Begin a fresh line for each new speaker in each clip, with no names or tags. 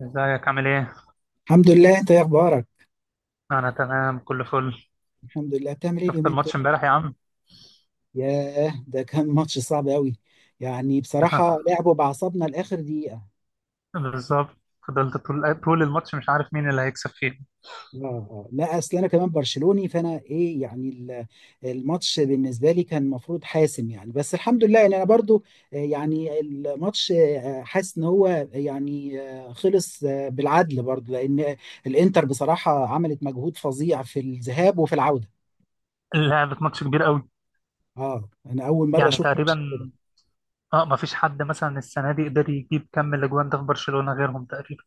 ازيك عامل ايه؟
الحمد لله. انت ايه اخبارك؟
انا تمام كله فل.
الحمد لله. بتعمل ايه
شفت
اليومين دول؟
الماتش امبارح يا عم؟
ياه، ده كان ماتش صعب قوي. يعني بصراحه لعبوا بعصبنا لاخر دقيقه.
بالظبط. فضلت طول الماتش مش عارف مين اللي هيكسب فيه.
اه، آه. لا، اصل انا كمان برشلوني، فانا ايه يعني الماتش بالنسبه لي كان المفروض حاسم يعني، بس الحمد لله يعني انا برضو يعني الماتش حاسس ان هو، يعني خلص بالعدل برضو، لان الانتر بصراحه عملت مجهود فظيع في الذهاب وفي العوده.
لعبة ماتش كبير قوي.
اه، انا اول مره
يعني
اشوف ماتش
تقريبا
كده.
اه، ما فيش حد مثلا السنة دي قدر يجيب كم الاجوان ده في برشلونة غيرهم تقريبا.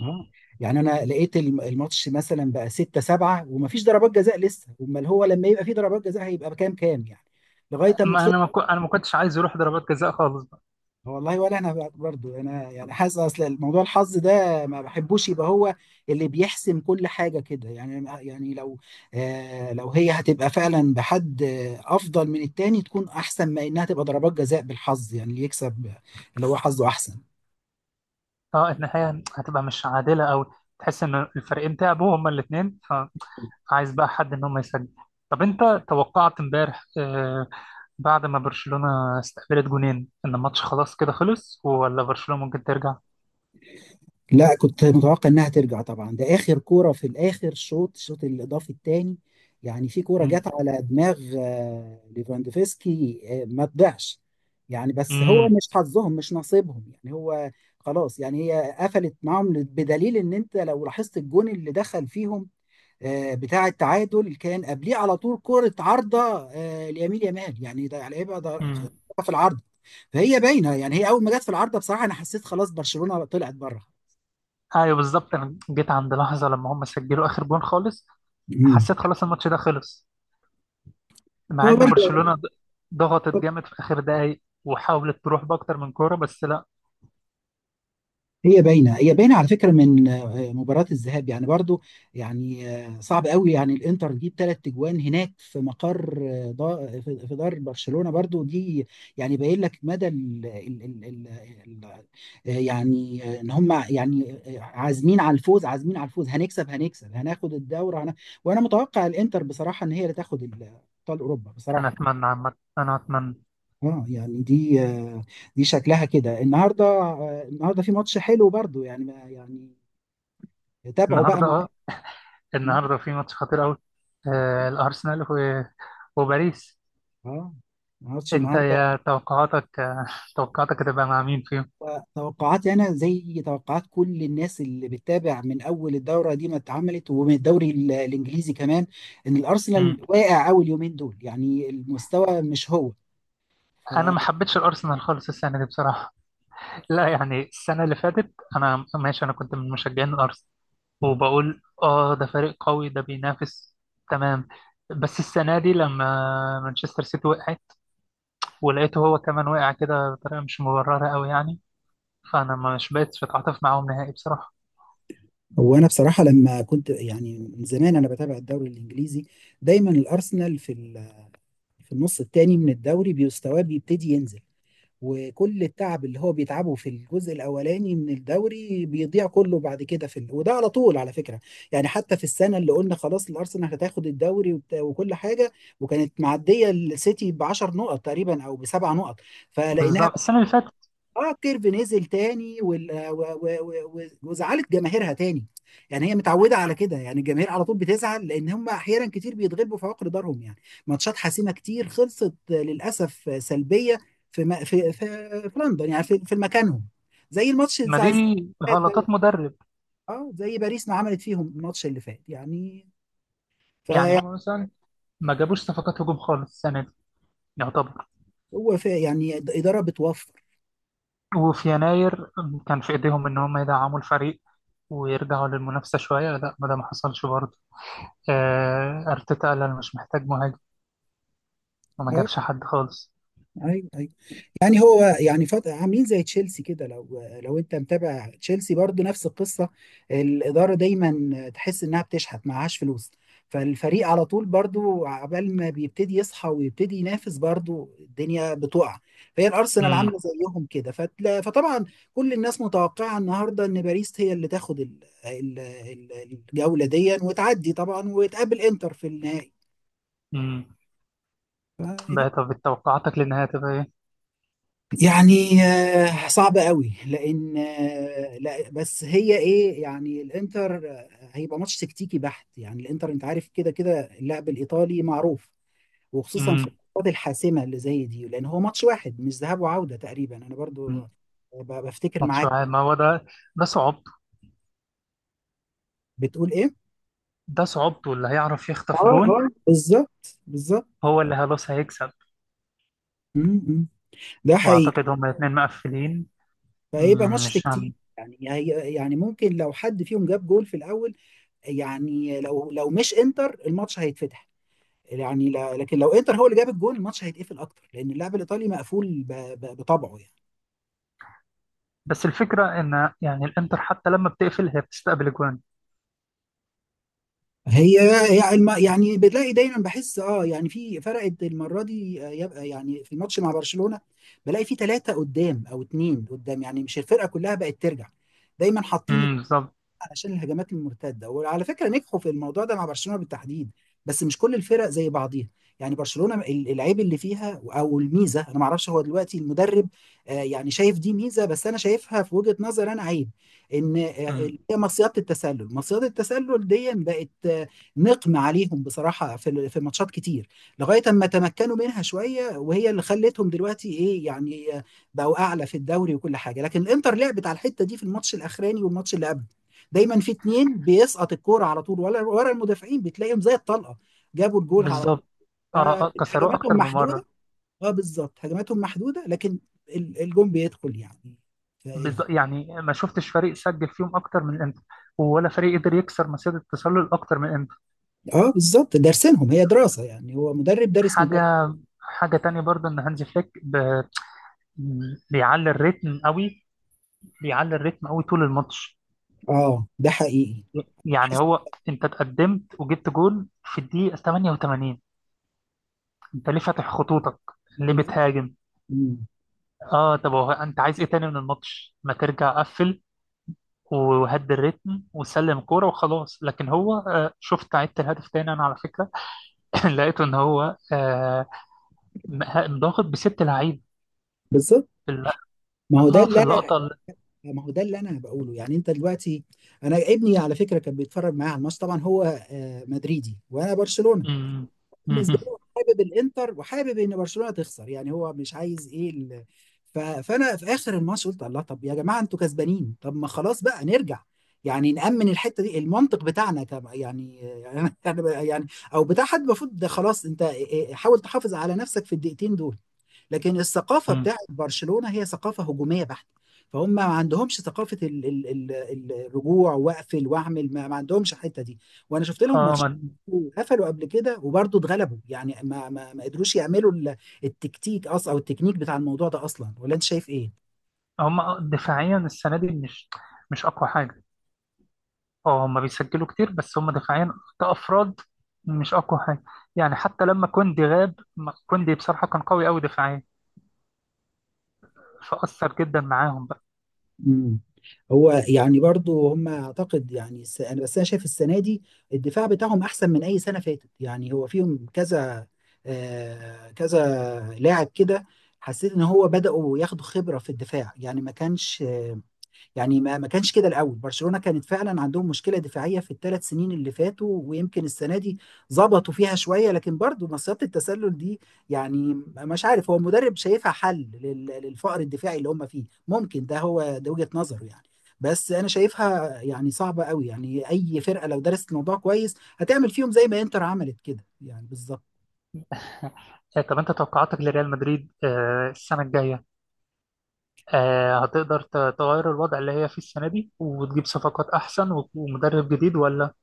اه، يعني انا لقيت الماتش مثلا بقى 6-7 ومفيش ضربات جزاء لسه، امال هو لما يبقى في ضربات جزاء هيبقى بكام كام يعني، لغايه اما
ما
خلص.
انا ما كو... انا ما كنتش عايز يروح ضربات جزاء خالص بقى.
والله، ولا انا برضو انا يعني حاسس، اصل الموضوع الحظ ده ما بحبوش يبقى هو اللي بيحسم كل حاجه كده يعني. يعني لو آه، لو هي هتبقى فعلا بحد افضل من التاني، تكون احسن ما انها تبقى ضربات جزاء بالحظ، يعني اللي يكسب اللي هو حظه احسن.
اه، النهاية هتبقى مش عادلة قوي. تحس ان الفريقين تعبوا هما الاثنين، فعايز بقى حد ان هم يسجل. طب انت توقعت امبارح بعد ما برشلونة استقبلت جونين ان الماتش خلاص كده خلص ولا برشلونة ممكن ترجع؟
لا، كنت متوقع انها ترجع طبعا، ده اخر كوره في الاخر، شوط الشوط الاضافي الثاني. يعني في كوره جت
امم.
على دماغ ليفاندوفسكي ما تضيعش. يعني بس هو
امم.
مش حظهم، مش نصيبهم يعني، هو خلاص يعني هي قفلت معاهم، بدليل ان انت لو لاحظت الجون اللي دخل فيهم بتاع التعادل كان قبليه على طول كوره عارضه ليمين يامال، يعني ده على ايه بقى ده،
امم.
في العارضه. فهي باينه، يعني هي اول ما جت في العارضه بصراحه انا حسيت خلاص برشلونه طلعت بره.
ايوه بالظبط، انا جيت عند لحظة لما هم سجلوا اخر جون خالص، حسيت خلاص الماتش ده خلص. مع
هو
ان
برضه
برشلونة ضغطت جامد في اخر دقايق وحاولت تروح باكتر من كورة بس لا.
هي باينه، هي باينه على فكره من مباراه الذهاب يعني برضه. يعني صعب قوي، يعني الانتر تجيب 3 تجوان هناك في مقر، في دار برشلونه برضه دي، يعني باين لك مدى ال ال ال ال ال يعني ان هم يعني عازمين على الفوز، عازمين على الفوز، هنكسب هنكسب هناخد الدوري وانا متوقع الانتر بصراحه ان هي اللي تاخد ابطال اوروبا
انا
بصراحه.
اتمنى عامة، انا اتمنى.
اه، يعني دي دي شكلها كده النهارده النهارده في ماتش حلو برضو يعني يعني تابعوا بقى
النهارده اه،
معاك.
النهارده في ماتش خطير قوي. آه الارسنال وباريس.
اه، ماتش
انت
النهارده.
يا توقعاتك هتبقى مع مين فيهم؟
توقعاتي انا زي توقعات كل الناس اللي بتتابع من اول الدوره دي ما اتعملت، ومن الدوري الانجليزي كمان، ان الارسنال واقع اول يومين دول، يعني المستوى مش هو. ف...
انا ما حبيتش الارسنال خالص السنه دي بصراحه. لا يعني السنه اللي فاتت انا ماشي، انا كنت من مشجعين الارسنال وبقول اه ده فريق قوي ده بينافس، تمام. بس السنه دي لما مانشستر سيتي وقعت ولقيته هو كمان وقع كده بطريقه مش مبرره قوي يعني، فانا مش بقتش بتعاطف معاهم نهائي بصراحه.
وانا بصراحه لما كنت يعني من زمان انا بتابع الدوري الانجليزي، دايما الارسنال في في النص التاني من الدوري مستواه بيبتدي ينزل، وكل التعب اللي هو بيتعبه في الجزء الاولاني من الدوري بيضيع كله بعد كده في وده على طول على فكره. يعني حتى في السنه اللي قلنا خلاص الارسنال هتاخد الدوري وكل حاجه، وكانت معديه السيتي ب 10 نقط تقريبا او ب7 نقط، فلقيناها،
بالظبط السنه اللي فاتت.
اه الكيرف نزل تاني وال... و... و... و... و- وزعلت جماهيرها تاني. يعني هي متعوده على كده يعني، الجماهير على طول بتزعل لان هم احيانا كتير بيتغلبوا في عقر دارهم يعني، ماتشات حاسمه كتير خلصت للاسف سلبيه في م... في... في في لندن يعني، في مكانهم. زي الماتش
ما
بتاع
دي
ده،
غلطات مدرب.
اه زي باريس ما عملت فيهم الماتش اللي فات يعني،
يعني
فهو
هم مثلا ما جابوش صفقات هجوم خالص السنه دي يعتبر.
يعني اداره بتوفر.
وفي يناير كان في ايديهم ان هم يدعموا الفريق ويرجعوا للمنافسه شويه، لا ما ده ما حصلش برضه. آه، ارتيتا قال انا مش محتاج مهاجم، وما
اه،
جابش حد خالص.
ايوه ايوه. يعني هو يعني عاملين زي تشيلسي كده، لو لو انت متابع تشيلسي برضو نفس القصه، الاداره دايما تحس انها بتشحت معهاش فلوس، فالفريق على طول برضو عقبال ما بيبتدي يصحى ويبتدي ينافس برضو الدنيا بتقع. فهي الارسنال
امم.
عامله زيهم كده فطبعا كل الناس متوقعه النهارده ان باريس هي اللي تاخد ال... ال- الجوله دي، وتعدي طبعا وتقابل انتر في
امم.
النهائي.
بقى طب توقعاتك للنهايه تبقى ايه؟
يعني صعبة قوي، لأن لا بس هي إيه، يعني الإنتر هيبقى ماتش تكتيكي بحت، يعني الإنتر أنت عارف كده كده، اللاعب الإيطالي معروف، وخصوصا في
امم.
الماتشات الحاسمة اللي زي دي، لأن هو ماتش واحد مش ذهاب وعودة. تقريبا أنا برضو
أمم.
بفتكر
ماتش
معاك.
واحد، ما هو ده، ده صعوبته.
بتقول إيه؟
ده صعوبته اللي هيعرف يخطف
اه،
جون
اه بالظبط بالظبط.
هو اللي خلاص هيكسب.
م- م. ده حقيقي.
واعتقد هما الاثنين مقفلين.
فهيبقى
أمم،
ماتش
مش
تكتيكي.
هم.
يعني يعني ممكن لو حد فيهم جاب جول في الأول، يعني لو لو مش إنتر الماتش هيتفتح، يعني لا، لكن لو انتر هو اللي جاب الجون الماتش هيتقفل اكتر، لان اللاعب الايطالي مقفول بطبعه يعني.
بس الفكره ان يعني الانتر حتى لما بتقفل هي بتستقبل جوان.
يعني بتلاقي دايما بحس، اه يعني في فرقت المره دي يبقى يعني في الماتش مع برشلونه بلاقي في 3 قدام او 2 قدام، يعني مش الفرقه كلها بقت ترجع، دايما حاطين
بالظبط.
علشان الهجمات المرتده، وعلى فكره نجحوا في الموضوع ده مع برشلونه بالتحديد. بس مش كل الفرق زي بعضيها يعني. برشلونه العيب اللي فيها او الميزه انا ما اعرفش، هو دلوقتي المدرب يعني شايف دي ميزه، بس انا شايفها في وجهه نظر انا عيب، ان
أمم.
اللي هي مصيده التسلل، مصيده التسلل دي بقت نقم عليهم بصراحه في في ماتشات كتير، لغايه اما تمكنوا منها شويه، وهي اللي خلتهم دلوقتي ايه يعني بقوا اعلى في الدوري وكل حاجه. لكن الانتر لعبت على الحته دي في الماتش الاخراني والماتش اللي قبل، دايما في 2 بيسقط الكوره على طول ورا، ورا المدافعين بتلاقيهم زي الطلقه، جابوا الجول على طول.
بالظبط. اه
آه،
كسروه
هجماتهم
اكتر من
محدوده.
مره.
اه بالظبط هجماتهم محدوده، لكن الجون بيدخل يعني، فايه
بالظبط، يعني ما شفتش فريق سجل فيهم اكتر من الانتر، ولا فريق قدر يكسر مسيره التسلل اكتر من الانتر.
اه بالظبط دارسينهم، هي دراسه يعني، هو مدرب دارس مدرب.
حاجه، حاجه تانية برضه ان هانزي فليك بيعلي الريتم قوي، بيعلي الريتم قوي طول الماتش.
اه ده حقيقي.
يعني
حس-
هو انت اتقدمت وجبت جول في الدقيقه 88، انت ليه فاتح خطوطك؟ ليه
بالظبط.
بتهاجم؟
مم.
اه طب هو انت عايز ايه تاني من الماتش؟ ما ترجع قفل وهد الريتم وسلم كورة وخلاص. لكن هو شفت عدت الهدف تاني انا على فكرة. لقيته ان هو ضاغط بست لعيبة
بالظبط.
في اللقطة.
ما هو ده
اه في
اللي انا،
اللقطة.
ما هو ده اللي انا بقوله يعني، انت دلوقتي انا ابني على فكره كان بيتفرج معايا على الماتش طبعا، هو مدريدي وانا برشلونه،
مم.
بالنسبه
مم.
له حابب الانتر وحابب ان برشلونه تخسر، يعني هو مش عايز ايه فانا في اخر الماتش قلت الله، طب يا جماعه انتوا كسبانين، طب ما خلاص بقى نرجع، يعني نأمن الحته دي المنطق بتاعنا، طب يعني يعني او بتاع حد المفروض، ده خلاص انت إيه- إيه، حاول تحافظ على نفسك في الدقيقتين دول. لكن الثقافه
مم.
بتاعت برشلونه هي ثقافه هجوميه بحته، فهم ما عندهمش ثقافه ال ال ال الرجوع واقفل واعمل، ما عندهمش الحته دي. وانا شفت لهم
اه
ماتش
ما-
قفلوا قبل كده وبرضه اتغلبوا، يعني ما قدروش يعملوا التكتيك اصلا او التكنيك بتاع الموضوع ده اصلا، ولا انت شايف ايه؟
هم دفاعيا السنة دي مش، مش اقوى حاجة. اه هم بيسجلوا كتير بس هم دفاعيا كأفراد مش اقوى حاجة. يعني حتى لما كوندي غاب كوندي بصراحة كان قوي قوي دفاعيا، فأثر جدا معاهم بقى.
مم. هو يعني برضو هم اعتقد يعني انا بس انا شايف السنه دي الدفاع بتاعهم احسن من اي سنه فاتت، يعني هو فيهم كذا كذا لاعب كده، حسيت ان هو بداوا ياخدوا خبره في الدفاع، يعني ما كانش، يعني ما كانش كده الاول. برشلونه كانت فعلا عندهم مشكله دفاعيه في ال3 سنين اللي فاتوا، ويمكن السنه دي ظبطوا فيها شويه. لكن برضو مصيده التسلل دي، يعني مش عارف هو المدرب شايفها حل للفقر الدفاعي اللي هم فيه، ممكن ده هو ده وجهه نظره يعني. بس انا شايفها يعني صعبه قوي، يعني اي فرقه لو درست الموضوع كويس هتعمل فيهم زي ما انتر عملت كده، يعني بالظبط.
آه، طب انت توقعاتك لريال مدريد السنة الجاية هتقدر تغير الوضع اللي هي فيه السنة دي وتجيب صفقات أحسن ومدرب جديد ولا؟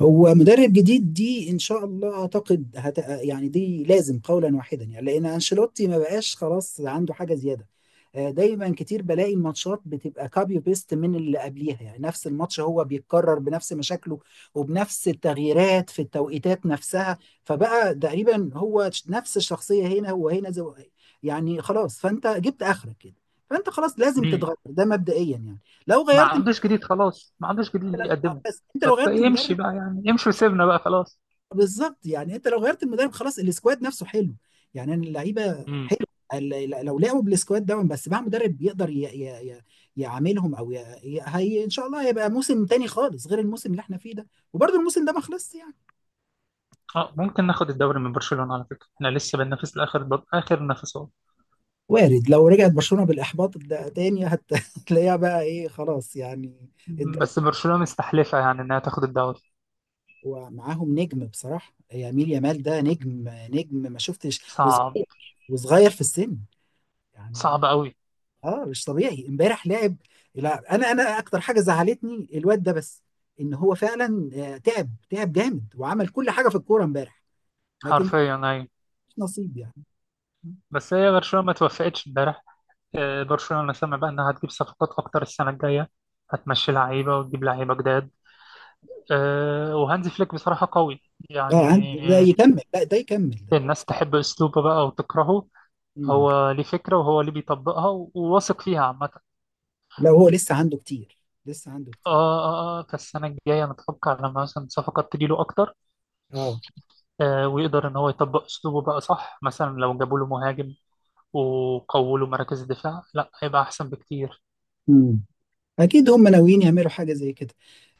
هو مدرب جديد دي ان شاء الله، اعتقد يعني دي لازم قولا واحدا يعني، لان انشيلوتي ما بقاش خلاص عنده حاجه زياده. دايما كتير بلاقي الماتشات بتبقى كابي بيست من اللي قبليها، يعني نفس الماتش هو بيتكرر بنفس مشاكله وبنفس التغييرات في التوقيتات نفسها، فبقى تقريبا هو نفس الشخصيه هنا وهنا يعني خلاص، فانت جبت اخرك كده، فانت خلاص لازم
مين؟
تتغير ده مبدئيا يعني. لو
ما
غيرت،
عندوش جديد خلاص، ما عندوش جديد يقدمه.
بس انت لو غيرت المدرب،
فيمشي بقى يعني، يمشي وسيبنا بقى خلاص.
بالظبط، يعني انت لو غيرت المدرب خلاص، السكواد نفسه حلو، يعني أنا اللعيبه
امم.
حلو، لو لعبوا بالسكواد ده بس مع مدرب يقدر يعاملهم او هي ان شاء الله هيبقى موسم تاني خالص غير الموسم اللي احنا فيه ده، وبرضه الموسم ده ما خلصش يعني.
اه ممكن ناخد الدوري من برشلونة على فكرة، احنا لسه بننافس آخر نفسات.
وارد، لو رجعت برشلونه بالاحباط ده تاني هتلاقيها بقى ايه خلاص يعني الدوري.
بس برشلونة مستحلفة يعني انها تاخد الدوري.
ومعاهم نجم بصراحه يمين يامال، ده نجم نجم، ما شفتش،
صعب،
وصغير، وصغير في السن يعني.
صعب قوي.
اه مش طبيعي، امبارح لعب. لا انا، اكتر حاجه زعلتني الواد ده، بس ان هو فعلا تعب، تعب جامد، وعمل كل حاجه في الكوره امبارح، لكن
حرفيا ايوه.
مش نصيب يعني.
بس هي برشلونة ما توفقتش امبارح. آه، برشلونة سمع بقى انها هتجيب صفقات اكتر السنة الجاية، هتمشي لعيبة وتجيب لعيبة جداد. آه، وهانزي فليك بصراحة قوي
اه ده
يعني.
يكمل، لا ده يكمل ده.
الناس تحب أسلوبه بقى وتكرهه.
مم.
هو ليه فكرة وهو اللي بيطبقها وواثق فيها عامة.
لا هو لسه عنده كتير، لسه عنده كتير.
آه آه آه، فالسنة الجاية نتوقع لما مثلا صفقات تجيله أكتر،
اه،
آه ويقدر إن هو يطبق أسلوبه بقى. صح مثلا لو جابوا له مهاجم وقووا له مراكز الدفاع لا هيبقى أحسن بكتير.
مم. اكيد هم ناويين يعملوا حاجه زي كده.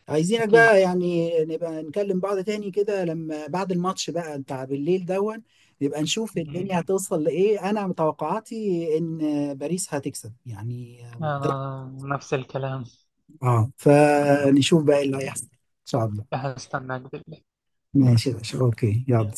عايزينك
أكيد.
بقى يعني نبقى نكلم بعض تاني كده لما بعد الماتش بقى بتاع بالليل دون، نبقى نشوف الدنيا
م-
هتوصل لإيه. أنا متوقعاتي إن باريس هتكسب يعني ده،
أنا نفس الكلام.
آه فنشوف بقى إيه اللي هيحصل إن شاء الله.
هستناك بالله.
ماشي ماشي، أوكي يلا.